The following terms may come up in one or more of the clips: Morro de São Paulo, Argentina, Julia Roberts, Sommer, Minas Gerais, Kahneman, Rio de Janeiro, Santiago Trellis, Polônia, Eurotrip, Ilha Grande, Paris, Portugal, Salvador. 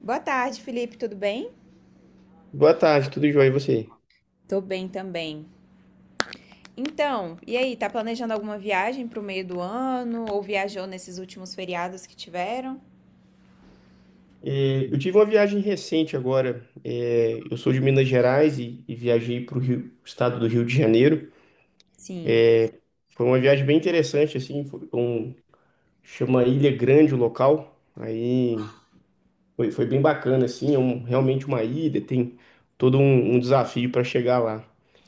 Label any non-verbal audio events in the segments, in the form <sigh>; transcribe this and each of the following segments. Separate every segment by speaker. Speaker 1: Boa tarde, Felipe, tudo bem?
Speaker 2: Boa tarde, tudo jóia e você?
Speaker 1: Tô bem também. Então, e aí, tá planejando alguma viagem pro meio do ano ou viajou nesses últimos feriados que tiveram?
Speaker 2: É, eu tive uma viagem recente agora. É, eu sou de Minas Gerais e viajei para o estado do Rio de Janeiro.
Speaker 1: Sim.
Speaker 2: Foi uma viagem bem interessante, assim, chama Ilha Grande o local. Aí foi bem bacana, assim, realmente uma ilha, tem todo um desafio para chegar lá.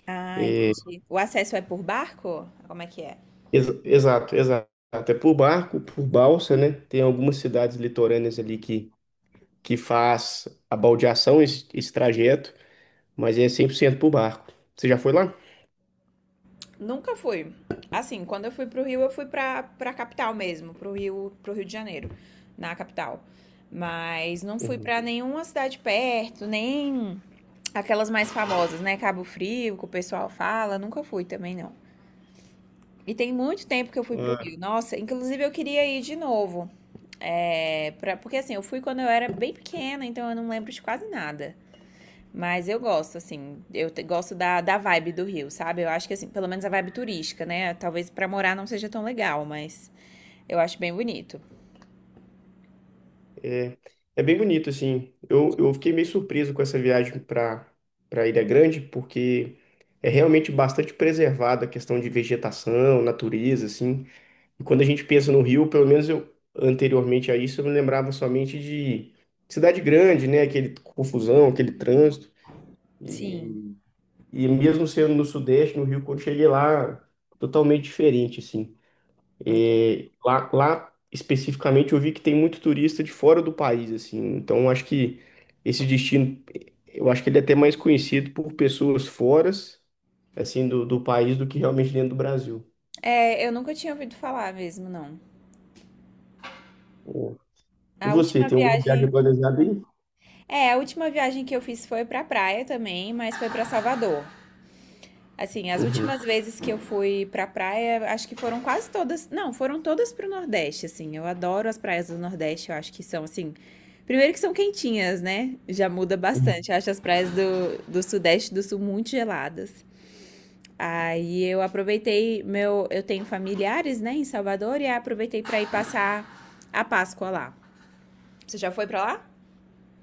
Speaker 1: Ah, entendi. O acesso é por barco? Como é que é?
Speaker 2: Exato, exato. É por barco, por balsa, né? Tem algumas cidades litorâneas ali que faz a baldeação, esse trajeto. Mas é 100% pro barco. Você já foi lá?
Speaker 1: Nunca fui. Assim, quando eu fui pro Rio, eu fui pra capital mesmo, pro Rio de Janeiro, na capital. Mas não fui
Speaker 2: Uhum.
Speaker 1: pra nenhuma cidade perto, nem aquelas mais famosas, né? Cabo Frio, que o pessoal fala, nunca fui também não. E tem muito tempo que eu fui pro Rio.
Speaker 2: Ah,
Speaker 1: Nossa, inclusive eu queria ir de novo. Porque assim, eu fui quando eu era bem pequena, então eu não lembro de quase nada. Mas eu gosto, assim, gosto da vibe do Rio, sabe? Eu acho que assim, pelo menos a vibe turística, né? Talvez pra morar não seja tão legal, mas eu acho bem bonito.
Speaker 2: é, é bem bonito, assim. Eu fiquei meio surpreso com essa viagem para Ilha Grande, porque é realmente bastante preservada a questão de vegetação, natureza, assim. E quando a gente pensa no Rio, pelo menos eu, anteriormente a isso, eu me lembrava somente de cidade grande, né? Aquele confusão, aquele trânsito.
Speaker 1: Sim.
Speaker 2: E, e mesmo sendo no Sudeste, no Rio, quando cheguei lá, totalmente diferente, assim. E lá especificamente eu vi que tem muito turista de fora do país, assim. Então eu acho que esse destino, eu acho que ele é até mais conhecido por pessoas fora, assim, do país do que realmente dentro do Brasil.
Speaker 1: É, eu nunca tinha ouvido falar mesmo, não.
Speaker 2: É. E
Speaker 1: A
Speaker 2: você,
Speaker 1: última
Speaker 2: tem alguma viagem
Speaker 1: viagem,
Speaker 2: planejada aí?
Speaker 1: é, a última viagem que eu fiz foi pra praia também, mas foi pra Salvador. Assim, as
Speaker 2: Uhum.
Speaker 1: últimas vezes que eu fui pra praia, acho que foram quase todas. Não, foram todas pro Nordeste, assim. Eu adoro as praias do Nordeste, eu acho que são, assim. Primeiro que são quentinhas, né? Já muda
Speaker 2: Uhum.
Speaker 1: bastante. Eu acho as praias do Sudeste e do Sul muito geladas. Aí eu aproveitei meu. Eu tenho familiares, né, em Salvador, e aí aproveitei pra ir passar a Páscoa lá. Você já foi pra lá?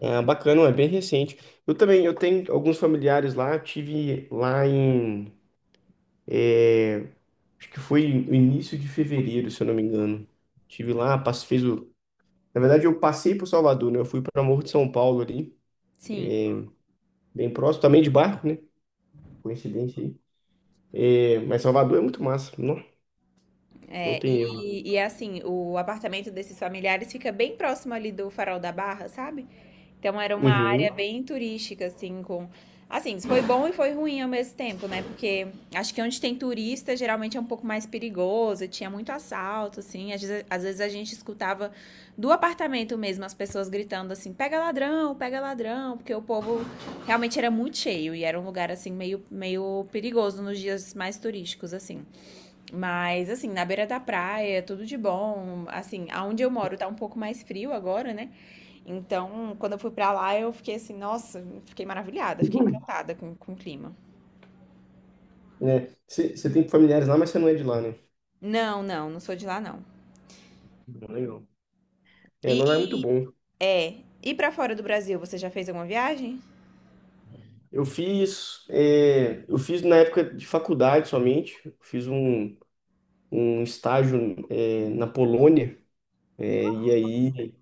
Speaker 2: Ah, bacana, é bem recente. Eu também, eu tenho alguns familiares lá, eu tive lá em, é, acho que foi no início de fevereiro, se eu não me engano. Tive lá, fez o... Na verdade, eu passei por Salvador, né? Eu fui para Morro de São Paulo ali,
Speaker 1: Sim.
Speaker 2: bem próximo, também de barco, né? Coincidência aí. É, mas Salvador é muito massa, não, não
Speaker 1: É,
Speaker 2: tem erro.
Speaker 1: e assim, o apartamento desses familiares fica bem próximo ali do Farol da Barra, sabe? Então era uma
Speaker 2: Uhum.
Speaker 1: área bem turística, assim, com. Assim, foi bom e foi ruim ao mesmo tempo, né? Porque acho que onde tem turista geralmente é um pouco mais perigoso, tinha muito assalto, assim. Às vezes a gente escutava do apartamento mesmo as pessoas gritando assim: pega ladrão, porque o povo realmente era muito cheio e era um lugar, assim, meio perigoso nos dias mais turísticos, assim. Mas, assim, na beira da praia, tudo de bom. Assim, aonde eu moro tá um pouco mais frio agora, né? Então, quando eu fui pra lá, eu fiquei assim, nossa, fiquei maravilhada, fiquei
Speaker 2: Uhum.
Speaker 1: encantada com o clima.
Speaker 2: É, você tem familiares lá, mas você não é de lá, né?
Speaker 1: Não, não, não sou de lá, não.
Speaker 2: Legal. É,
Speaker 1: E,
Speaker 2: não é muito
Speaker 1: e-
Speaker 2: bom.
Speaker 1: é, e pra fora do Brasil, você já fez alguma viagem?
Speaker 2: Eu fiz, é, eu fiz na época de faculdade somente, eu fiz um estágio, é, na Polônia, é, e aí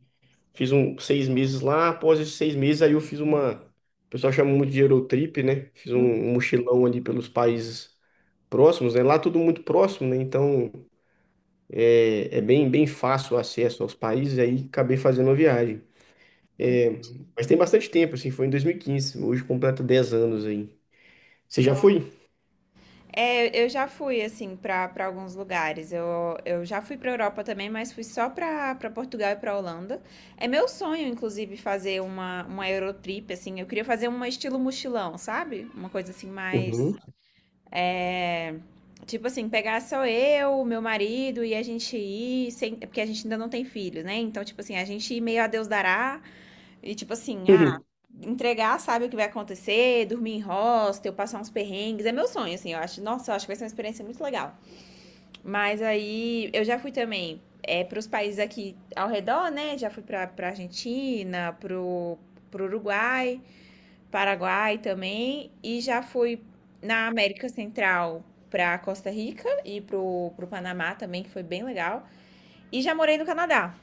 Speaker 2: fiz 6 meses lá, após esses 6 meses, aí eu fiz uma. O pessoal chama muito de Eurotrip, né? Fiz
Speaker 1: Hum.
Speaker 2: um mochilão ali pelos países próximos, né? Lá tudo muito próximo, né? Então é, é bem, bem fácil o acesso aos países, aí acabei fazendo uma viagem. É, mas tem bastante tempo, assim, foi em 2015, hoje completa 10 anos aí. Você já
Speaker 1: Não.
Speaker 2: foi?
Speaker 1: É, eu já fui, assim, pra alguns lugares. Eu já fui pra Europa também, mas fui só pra Portugal e pra Holanda. É meu sonho, inclusive, fazer uma Eurotrip, assim. Eu queria fazer um estilo mochilão, sabe? Uma coisa assim mais.
Speaker 2: Uhum.
Speaker 1: É, tipo assim, pegar só eu, meu marido e a gente ir, sem, porque a gente ainda não tem filhos, né? Então, tipo assim, a gente ir meio a Deus dará e, tipo assim,
Speaker 2: <laughs>
Speaker 1: ah, entregar, sabe o que vai acontecer, dormir em hostel, passar uns perrengues. É meu sonho, assim, eu acho. Nossa, eu acho que vai ser uma experiência muito legal. Mas aí, eu já fui também é, para os países aqui ao redor, né? Já fui pra Argentina, pro Uruguai. Paraguai também, e já fui na América Central para Costa Rica e pro Panamá também, que foi bem legal. E já morei no Canadá.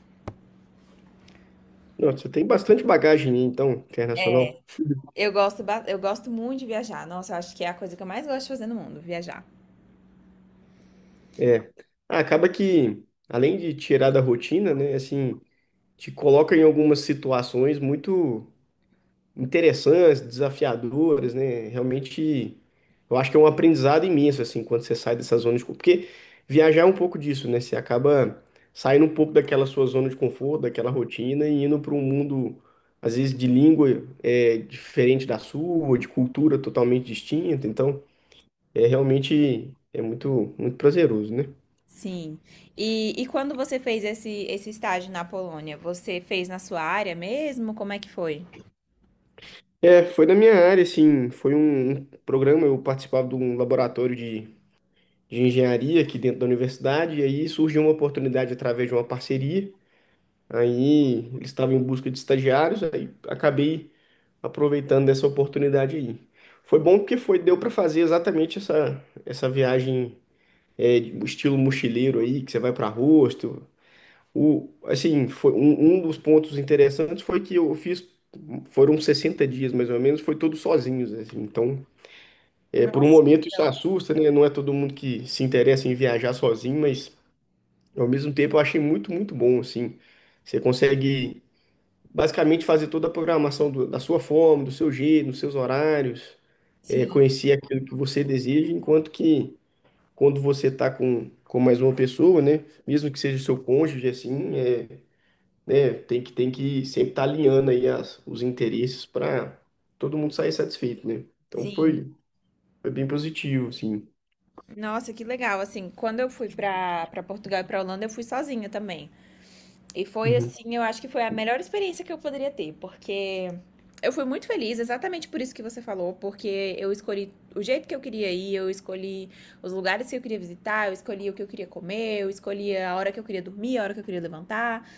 Speaker 2: Nossa, você tem bastante bagagem, então, internacional.
Speaker 1: Eu gosto muito de viajar. Nossa, eu acho que é a coisa que eu mais gosto de fazer no mundo, viajar.
Speaker 2: É. Ah, acaba que, além de tirar da rotina, né? Assim, te coloca em algumas situações muito interessantes, desafiadoras, né? Realmente, eu acho que é um aprendizado imenso, assim, quando você sai dessa zona de conforto. Porque viajar é um pouco disso, né? Você acaba saindo um pouco daquela sua zona de conforto, daquela rotina e indo para um mundo, às vezes, de língua é, diferente da sua, de cultura totalmente distinta. Então, é realmente é muito, muito prazeroso, né?
Speaker 1: Sim. E quando você fez esse estágio na Polônia, você fez na sua área mesmo? Como é que foi?
Speaker 2: É, foi da minha área, assim, foi um programa, eu participava de um laboratório de engenharia aqui dentro da universidade, e aí surgiu uma oportunidade através de uma parceria. Aí eles estavam em busca de estagiários, aí acabei aproveitando dessa oportunidade aí. Foi bom porque foi, deu para fazer exatamente essa, essa viagem é, de- estilo mochileiro aí, que você vai para rosto. O, assim, foi um, um dos pontos interessantes foi que eu fiz, foram 60 dias mais ou menos, foi todos sozinhos, assim. Então, é, por um
Speaker 1: Nossa,
Speaker 2: momento isso
Speaker 1: então.
Speaker 2: assusta, né? Não é todo mundo que se interessa em viajar sozinho, mas ao mesmo tempo, eu achei muito, muito bom, assim. Você consegue basicamente fazer toda a programação da sua forma, do seu jeito, nos seus horários, é,
Speaker 1: Sim,
Speaker 2: conhecer aquilo que você deseja, enquanto que quando você está com mais uma pessoa, né, mesmo que seja o seu cônjuge, assim, é, né, tem que sempre estar alinhando aí as, os interesses para todo mundo sair satisfeito, né? Então
Speaker 1: sim.
Speaker 2: foi, foi bem positivo, assim.
Speaker 1: Nossa, que legal. Assim, quando eu fui para Portugal e para Holanda, eu fui sozinha também. E foi
Speaker 2: Uhum.
Speaker 1: assim, eu acho que foi a melhor experiência que eu poderia ter, porque eu fui muito feliz, exatamente por isso que você falou, porque eu escolhi o jeito que eu queria ir, eu escolhi os lugares que eu queria visitar, eu escolhi o que eu queria comer, eu escolhi a hora que eu queria dormir, a hora que eu queria levantar.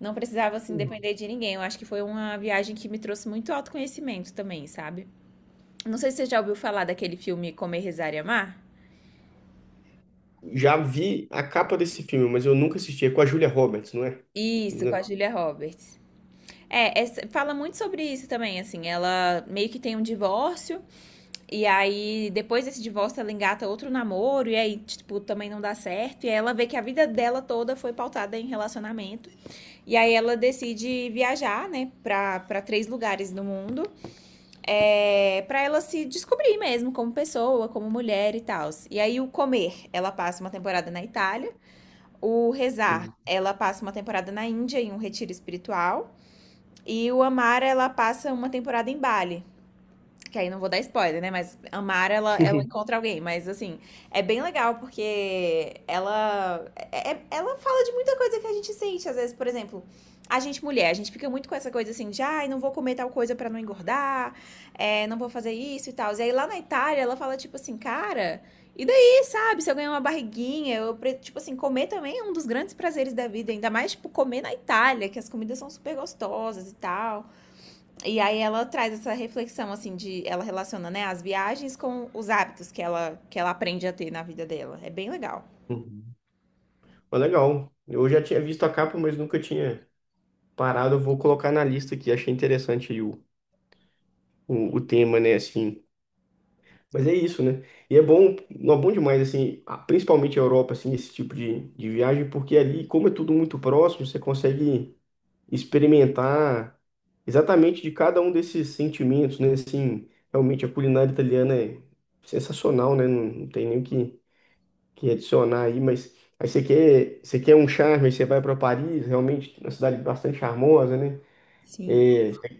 Speaker 1: Não precisava, assim, depender de ninguém. Eu acho que foi uma viagem que me trouxe muito autoconhecimento também, sabe? Não sei se você já ouviu falar daquele filme Comer, Rezar e Amar.
Speaker 2: Já vi a capa desse filme, mas eu nunca assisti. É com a Julia Roberts, não é?
Speaker 1: Isso,
Speaker 2: Não
Speaker 1: com a
Speaker 2: é?
Speaker 1: Julia Roberts. É, essa- fala muito sobre isso também, assim, ela meio que tem um divórcio. E aí, depois desse divórcio, ela engata outro namoro, e aí, tipo, também não dá certo. E aí ela vê que a vida dela toda foi pautada em relacionamento. E aí ela decide viajar, né, pra três lugares do mundo, é, pra ela se descobrir mesmo como pessoa, como mulher e tal. E aí, o comer, ela passa uma temporada na Itália. O rezar,
Speaker 2: Uhum.
Speaker 1: ela passa uma temporada na Índia, em um retiro espiritual. E o amar, ela passa uma temporada em Bali. Que aí não vou dar spoiler, né? Mas a Mara, ela
Speaker 2: <laughs>
Speaker 1: encontra alguém. Mas, assim, é bem legal porque ela, ela fala de muita coisa que a gente sente. Às vezes, por exemplo, a gente mulher, a gente fica muito com essa coisa assim de, ai, não vou comer tal coisa pra não engordar, é, não vou fazer isso e tal. E aí, lá na Itália, ela fala, tipo assim, cara, e daí, sabe? Se eu ganhar uma barriguinha, tipo assim, comer também é um dos grandes prazeres da vida. Ainda mais, tipo, comer na Itália, que as comidas são super gostosas e tal. E aí ela traz essa reflexão, assim, de ela relaciona, né, as viagens com os hábitos que ela aprende a ter na vida dela. É bem legal.
Speaker 2: Uhum. Mas legal. Eu já tinha visto a capa, mas nunca tinha parado. Eu vou colocar na lista aqui. Achei interessante aí o tema, né? Assim. Mas é isso, né? E é bom, não é bom demais, assim, principalmente a Europa, assim, esse tipo de viagem, porque ali, como é tudo muito próximo, você consegue experimentar exatamente de cada um desses sentimentos, né? Assim, realmente a culinária italiana é sensacional, né? Não, não tem nem o que, adicionar aí, mas aí você quer um charme, aí você vai para Paris, realmente uma cidade bastante charmosa, né?
Speaker 1: Sim.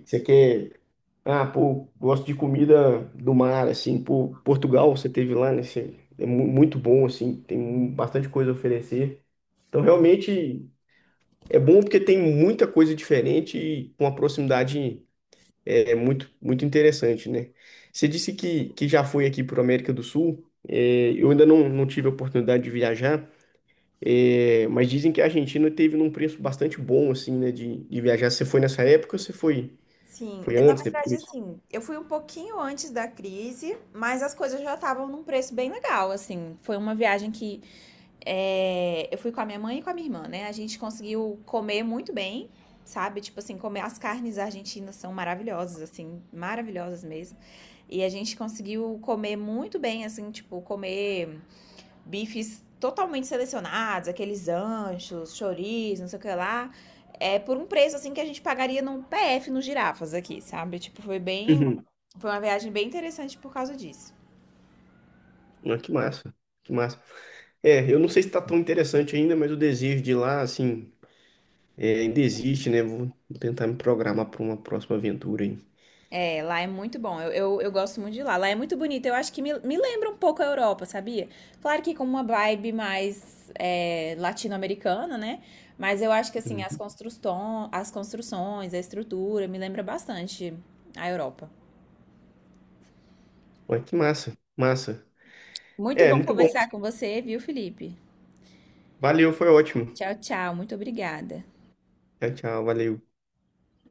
Speaker 2: Você quer, ah, pô, gosto de comida do mar, assim, pô, Portugal você teve lá, né? É muito bom, assim, tem bastante coisa a oferecer. Então, realmente, é bom porque tem muita coisa diferente e com a proximidade é muito, muito interessante, né? Você disse que já foi aqui para a América do Sul. É, eu ainda não, não tive a oportunidade de viajar, é, mas dizem que a Argentina teve num preço bastante bom, assim, né, de viajar. Você foi nessa época ou você foi,
Speaker 1: Sim,
Speaker 2: foi
Speaker 1: na
Speaker 2: antes,
Speaker 1: verdade,
Speaker 2: depois?
Speaker 1: assim, eu fui um pouquinho antes da crise, mas as coisas já estavam num preço bem legal, assim. Foi uma viagem que é, eu fui com a minha mãe e com a minha irmã, né? A gente conseguiu comer muito bem, sabe? Tipo assim, comer as carnes argentinas são maravilhosas, assim, maravilhosas mesmo. E a gente conseguiu comer muito bem, assim, tipo, comer bifes totalmente selecionados, aqueles anchos, chouriços, não sei o que lá, é por um preço assim que a gente pagaria num PF nos girafas aqui, sabe? Tipo, foi bem.
Speaker 2: Uhum. <laughs>
Speaker 1: Foi uma viagem bem interessante por causa disso.
Speaker 2: Ah, que massa, que massa. É, eu não sei se está tão interessante ainda, mas o desejo de ir lá, assim, é, ainda existe, né? Vou tentar me programar para uma próxima aventura aí.
Speaker 1: É, lá é muito bom. Eu gosto muito de lá. Lá é muito bonito. Eu acho que me lembra um pouco a Europa, sabia? Claro que com uma vibe mais é, latino-americana, né? Mas eu acho que assim,
Speaker 2: Uhum.
Speaker 1: as, construção, as construções, a estrutura, me lembra bastante a Europa.
Speaker 2: Ah, que massa, massa.
Speaker 1: Muito
Speaker 2: É,
Speaker 1: bom
Speaker 2: muito bom.
Speaker 1: conversar com você, viu, Felipe?
Speaker 2: Valeu, foi ótimo.
Speaker 1: Tchau, tchau. Muito obrigada.
Speaker 2: Tchau, tchau, valeu.